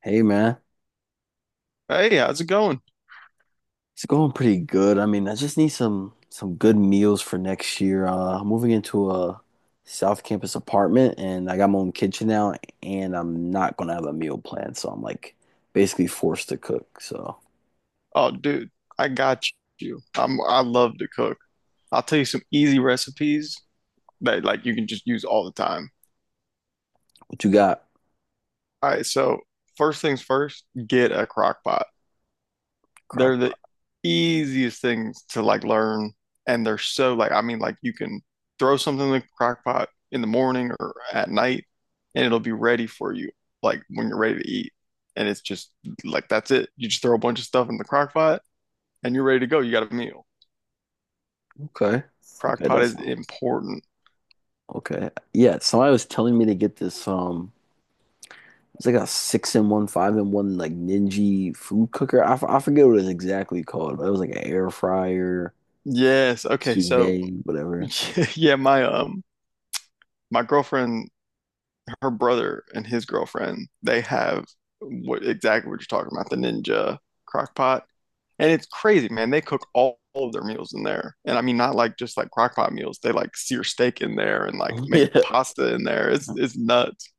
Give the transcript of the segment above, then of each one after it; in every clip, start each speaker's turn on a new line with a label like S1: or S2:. S1: Hey man,
S2: Hey, how's it going?
S1: it's going pretty good. I mean, I just need some good meals for next year. I'm moving into a South Campus apartment, and I got my own kitchen now, and I'm not gonna have a meal plan, so I'm like basically forced to cook. So,
S2: Oh, dude, I got you. I love to cook. I'll tell you some easy recipes that like you can just use all the time.
S1: what you got?
S2: All right, so first things first, get a crock pot. They're
S1: Crock
S2: the
S1: pot.
S2: easiest things to like learn and they're so like I mean like you can throw something in the crock pot in the morning or at night and it'll be ready for you like when you're ready to eat. And it's just like that's it. You just throw a bunch of stuff in the crock pot and you're ready to go. You got a meal.
S1: Okay.
S2: Crock
S1: Okay,
S2: pot
S1: that's
S2: is important.
S1: okay. Yeah, somebody was telling me to get this it's like a six in one, five in one, like Ninja food cooker. I forget what it's exactly called, but it was like an air fryer,
S2: Yes. Okay.
S1: sous
S2: So
S1: vide, whatever.
S2: yeah, my girlfriend, her brother and his girlfriend, they have what exactly what you're talking about, the Ninja crock pot. And it's crazy, man. They cook all of their meals in there. And I mean not like just like crock pot meals. They like sear steak in there and like make
S1: Yeah.
S2: pasta in there. It's nuts.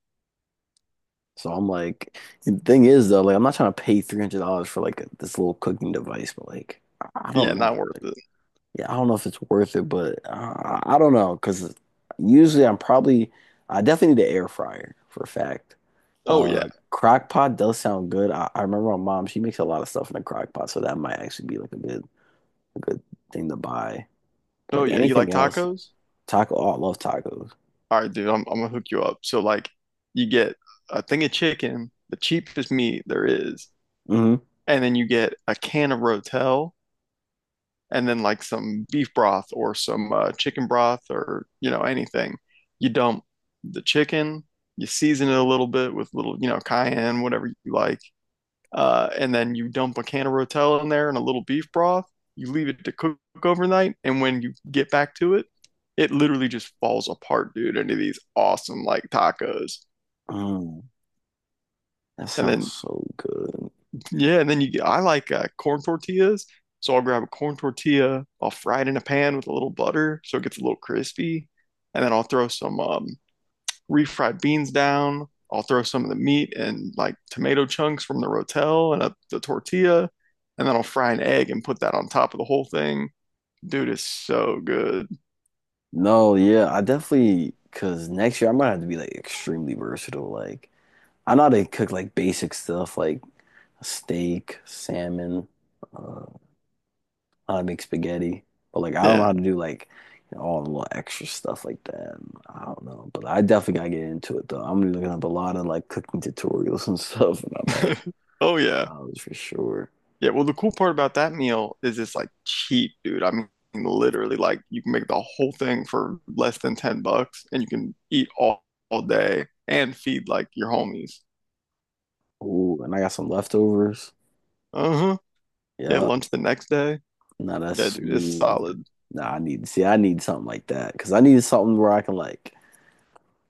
S1: So I'm like, the thing is though, like I'm not trying to pay $300 for like this little cooking device, but like I
S2: Yeah,
S1: don't know.
S2: not worth
S1: Like,
S2: it.
S1: yeah, I don't know if it's worth it, but I don't know because usually I'm probably, I definitely need an air fryer for a fact.
S2: Oh yeah.
S1: Crock pot does sound good. I remember my mom, she makes a lot of stuff in a crock pot, so that might actually be like a good thing to buy.
S2: Oh
S1: Like
S2: yeah. You like
S1: anything else,
S2: tacos?
S1: taco, oh, I love tacos.
S2: All right, dude, I'm gonna hook you up. So like you get a thing of chicken, the cheapest meat there is,
S1: Hmm.
S2: and then you get a can of Rotel and then like some beef broth or some chicken broth or you know anything. You dump the chicken, you season it a little bit with little, you know, cayenne, whatever you like and then you dump a can of Rotel in there and a little beef broth. You leave it to cook overnight, and when you get back to it, it literally just falls apart, dude, into these awesome like tacos.
S1: Mm, that
S2: And
S1: sounds
S2: then
S1: so good.
S2: yeah, and then you get I like corn tortillas, so I'll grab a corn tortilla, I'll fry it in a pan with a little butter so it gets a little crispy, and then I'll throw some refried beans down. I'll throw some of the meat and like tomato chunks from the rotel and a, the tortilla, and then I'll fry an egg and put that on top of the whole thing. Dude, it's so good.
S1: No, yeah, I definitely because next year I might have to be like extremely versatile. Like I know how to cook like basic stuff like steak, salmon, uh, how to make spaghetti, but like I don't know
S2: Yeah.
S1: how to do like you know, all the little extra stuff like that. I don't know, but I definitely gotta get into it though. I'm gonna be looking up a lot of like cooking tutorials and stuff when I'm at
S2: Oh yeah.
S1: college for sure.
S2: Yeah, well the cool part about that meal is it's like cheap, dude. I mean literally like you can make the whole thing for less than 10 bucks and you can eat all day and feed like your homies.
S1: Ooh, and I got some leftovers.
S2: Uh-huh. Yeah,
S1: Yeah.
S2: lunch the next day.
S1: No, that's
S2: Yeah, dude, it's
S1: smooth.
S2: solid.
S1: Nah, I need see, I need something like that because I need something where I can like,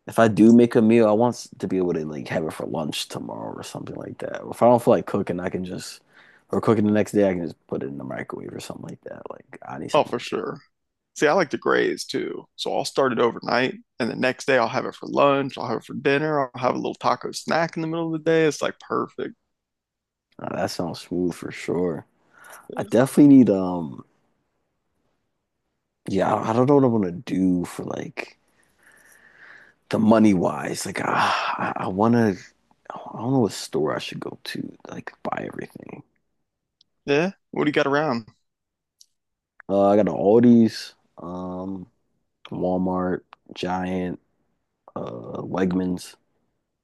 S1: if I do make a meal, to be able to like have it for lunch tomorrow or something like that. Or if I don't feel like cooking, I can just or cooking the next day, I can just put it in the microwave or something like that. Like I need
S2: Oh,
S1: something
S2: for
S1: like
S2: sure. See, I like to graze too. So I'll start it overnight, and the next day I'll have it for lunch. I'll have it for dinner. I'll have a little taco snack in the middle of the day. It's like perfect.
S1: that. Nah, that sounds smooth for sure. I definitely need yeah, I don't know what I want to do for like the money wise. I want to, I don't know what store I should go to like buy everything.
S2: Yeah. What do you got around?
S1: I got an Aldi's, Walmart, Giant, Wegmans.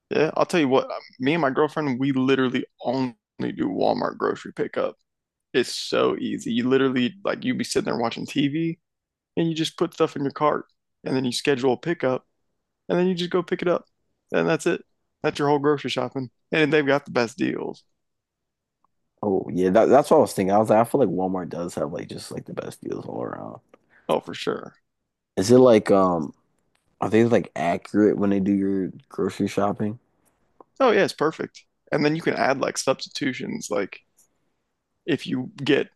S2: Yeah. I'll tell you what, me and my girlfriend, we literally only do Walmart grocery pickup. It's so easy. You literally, like, you be sitting there watching TV and you just put stuff in your cart and then you schedule a pickup and then you just go pick it up. And that's it. That's your whole grocery shopping. And they've got the best deals.
S1: Oh yeah, that's what I was thinking. I was like, I feel like Walmart does have like just like the best deals all around.
S2: Oh, for sure.
S1: Is it like are they like accurate when they do your grocery shopping?
S2: Oh yeah, it's perfect. And then you can add like substitutions, like if you get,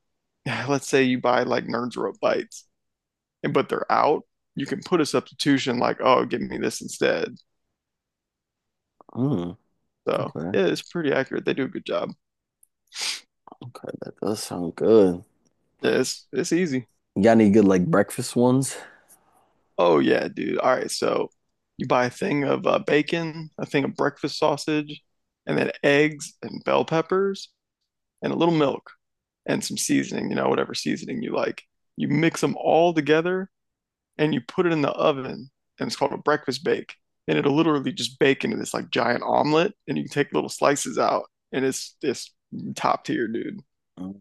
S2: let's say you buy like Nerds Rope bites, and but they're out, you can put a substitution like, oh, give me this instead.
S1: Mm,
S2: So
S1: okay,
S2: yeah, it's pretty accurate. They do a good job.
S1: okay, that does sound good.
S2: Yeah, it's easy.
S1: You got any good like breakfast ones?
S2: Oh yeah, dude. All right, so you buy a thing of bacon, a thing of breakfast sausage, and then eggs and bell peppers and a little milk and some seasoning, you know, whatever seasoning you like. You mix them all together and you put it in the oven, and it's called a breakfast bake. And it'll literally just bake into this like giant omelet, and you can take little slices out, and it's top tier, dude.
S1: Mm.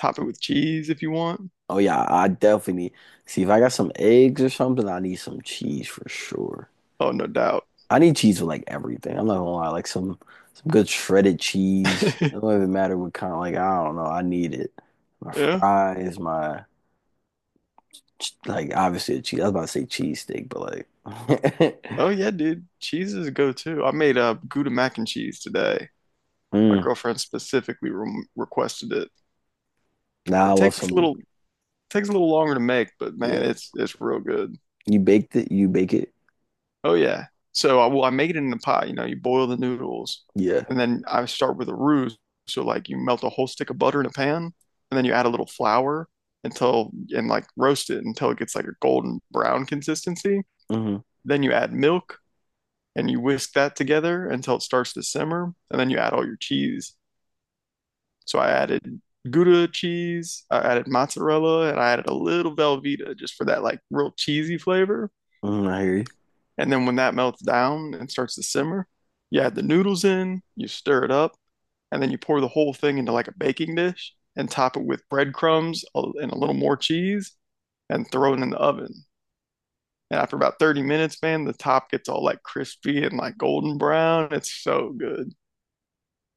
S2: Top it with cheese if you want.
S1: Oh yeah, I definitely need. See if I got some eggs or something, I need some cheese for sure.
S2: Oh, no doubt.
S1: I need cheese with like everything. I'm not gonna lie, like some good shredded cheese. It don't even matter what kind, like I don't know, I need it. My
S2: Yeah.
S1: fries, like obviously a cheese. I was about to say cheese steak, but like
S2: Oh yeah, dude. Cheese is a go-to. I made a Gouda mac and cheese today. My
S1: mm,
S2: girlfriend specifically re requested it.
S1: nah, I
S2: It
S1: love some
S2: takes a little longer to make, but man,
S1: yeah.
S2: it's real good.
S1: You baked it, you bake it.
S2: Oh yeah. So I well, I make it in the pot. You know, you boil the noodles,
S1: Yeah.
S2: and then I start with a roux. So like you melt a whole stick of butter in a pan, and then you add a little flour until and like roast it until it gets like a golden brown consistency.
S1: Hmm.
S2: Then you add milk and you whisk that together until it starts to simmer, and then you add all your cheese. So I added Gouda cheese, I added mozzarella, and I added a little Velveeta just for that like real cheesy flavor.
S1: Hmm, I hear you.
S2: And then when that melts down and starts to simmer, you add the noodles in, you stir it up, and then you pour the whole thing into like a baking dish and top it with breadcrumbs and a little more cheese and throw it in the oven. And after about 30 minutes, man, the top gets all like crispy and like golden brown. It's so good.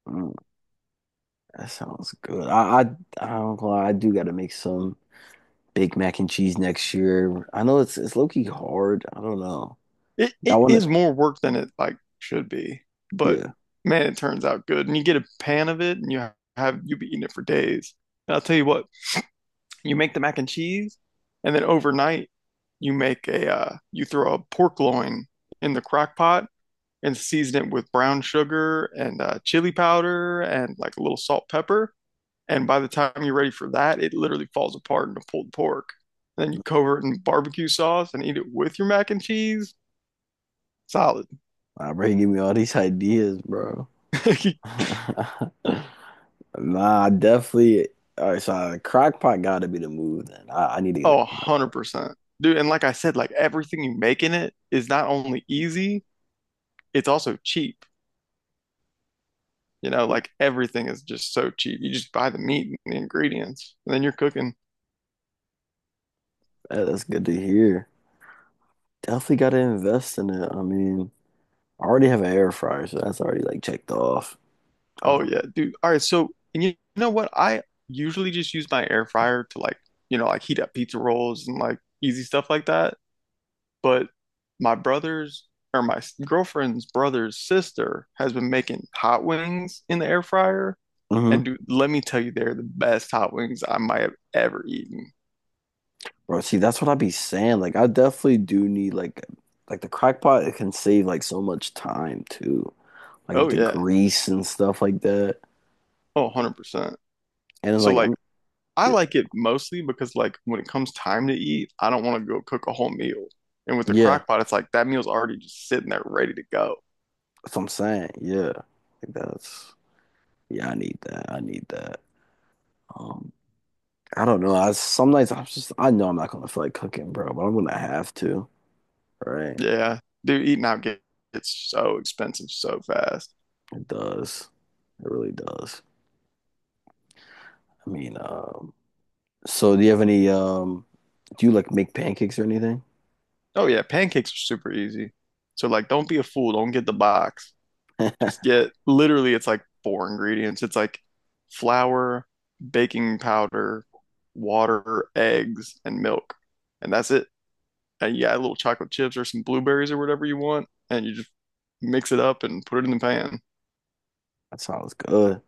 S1: Mm, that sounds good. I don't gonna lie, I do gotta make some. Big Mac and cheese next year. I know it's low key hard. I don't know.
S2: It
S1: I
S2: it
S1: want
S2: is
S1: to.
S2: more work than it like should be, but
S1: Yeah,
S2: man, it turns out good. And you get a pan of it and you have you be eating it for days. And I'll tell you what, you make the mac and cheese, and then overnight you make a you throw a pork loin in the crock pot and season it with brown sugar and chili powder and like a little salt pepper. And by the time you're ready for that, it literally falls apart into pulled pork. And then you cover it in barbecue sauce and eat it with your mac and cheese. Solid.
S1: I bro, you give me all these ideas, bro. Nah, I definitely. All right, so crock pot gotta be the move. Then I need to get
S2: Oh,
S1: a crock.
S2: 100%. Dude, and like I said, like everything you make in it is not only easy, it's also cheap. You know,
S1: Yeah,
S2: like everything is just so cheap. You just buy the meat and the ingredients, and then you're cooking.
S1: that's good to hear. Definitely gotta invest in it. I mean, I already have an air fryer, so that's already like checked off.
S2: Oh
S1: Um,
S2: yeah, dude. All right, so and you know what? I usually just use my air fryer to like, you know, like heat up pizza rolls and like easy stuff like that. But my brother's or my s- girlfriend's brother's sister has been making hot wings in the air fryer. And
S1: hmm.
S2: dude, let me tell you, they're the best hot wings I might have ever eaten.
S1: Bro, see, that's what I be saying. Like, I definitely do need like the crock pot. It can save like so much time too. Like with
S2: Oh
S1: the
S2: yeah.
S1: grease and stuff like that.
S2: Oh,
S1: Like,
S2: 100%.
S1: and
S2: So
S1: like
S2: like
S1: I'm,
S2: I like it mostly because like when it comes time to eat, I don't want to go cook a whole meal. And with the
S1: yeah,
S2: crock pot, it's like that meal's already just sitting there ready to go.
S1: that's what I'm saying. Yeah, like that's yeah. I need that. I need that. Um, I don't know. I some nights I'm just I know I'm not gonna feel like cooking, bro, but I'm gonna have to. Right?
S2: Yeah. Dude, gets so expensive so fast.
S1: It does. It really does. I mean, so do you have any do you like make pancakes or anything?
S2: Oh yeah, pancakes are super easy. So like don't be a fool, don't get the box. Just get literally it's like four ingredients. It's like flour, baking powder, water, eggs, and milk. And that's it. And you add little chocolate chips or some blueberries or whatever you want, and you just mix it up and put it in the pan.
S1: That sounds good.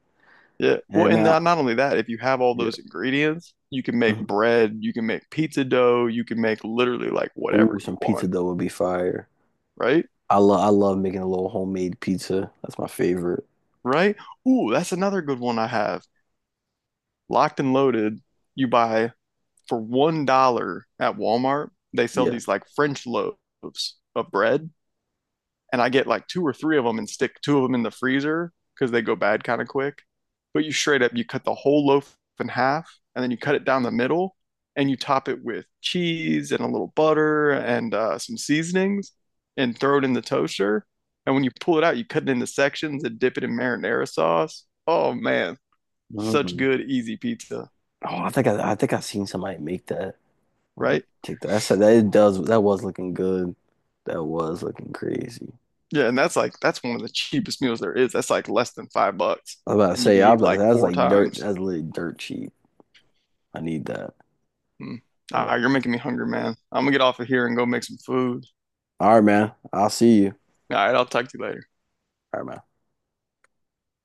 S2: Yeah.
S1: Hey
S2: Well, and
S1: man, I,
S2: not only that, if you have all
S1: yeah.
S2: those ingredients, you can make
S1: Mhm.
S2: bread, you can make pizza dough, you can make literally like
S1: Ooh,
S2: whatever
S1: some
S2: you
S1: pizza
S2: want,
S1: dough would be fire.
S2: right?
S1: I love making a little homemade pizza. That's my favorite.
S2: Right? Ooh, that's another good one I have. Locked and loaded, you buy for $1 at Walmart, they sell
S1: Yeah.
S2: these like French loaves of bread and I get like two or three of them and stick two of them in the freezer because they go bad kind of quick. But you straight up, you cut the whole loaf in half and then you cut it down the middle and you top it with cheese and a little butter and some seasonings and throw it in the toaster. And when you pull it out, you cut it into sections and dip it in marinara sauce. Oh man, such
S1: Mm.
S2: good, easy pizza,
S1: Oh, I think I've seen somebody make that on
S2: right?
S1: TikTok. I said, that it does that was looking good. That was looking crazy.
S2: Yeah, and that's like that's one of the cheapest meals there is. That's like less than 5 bucks,
S1: I was about to
S2: and you
S1: say
S2: can
S1: I was
S2: eat
S1: like
S2: like
S1: that's
S2: four
S1: like dirt.
S2: times.
S1: That's literally dirt cheap. I need that.
S2: Mm.
S1: But
S2: All right, you're making me hungry, man. I'm gonna get off of here and go make some food.
S1: all right, man. I'll see you.
S2: All right, I'll talk to you later.
S1: All right, man.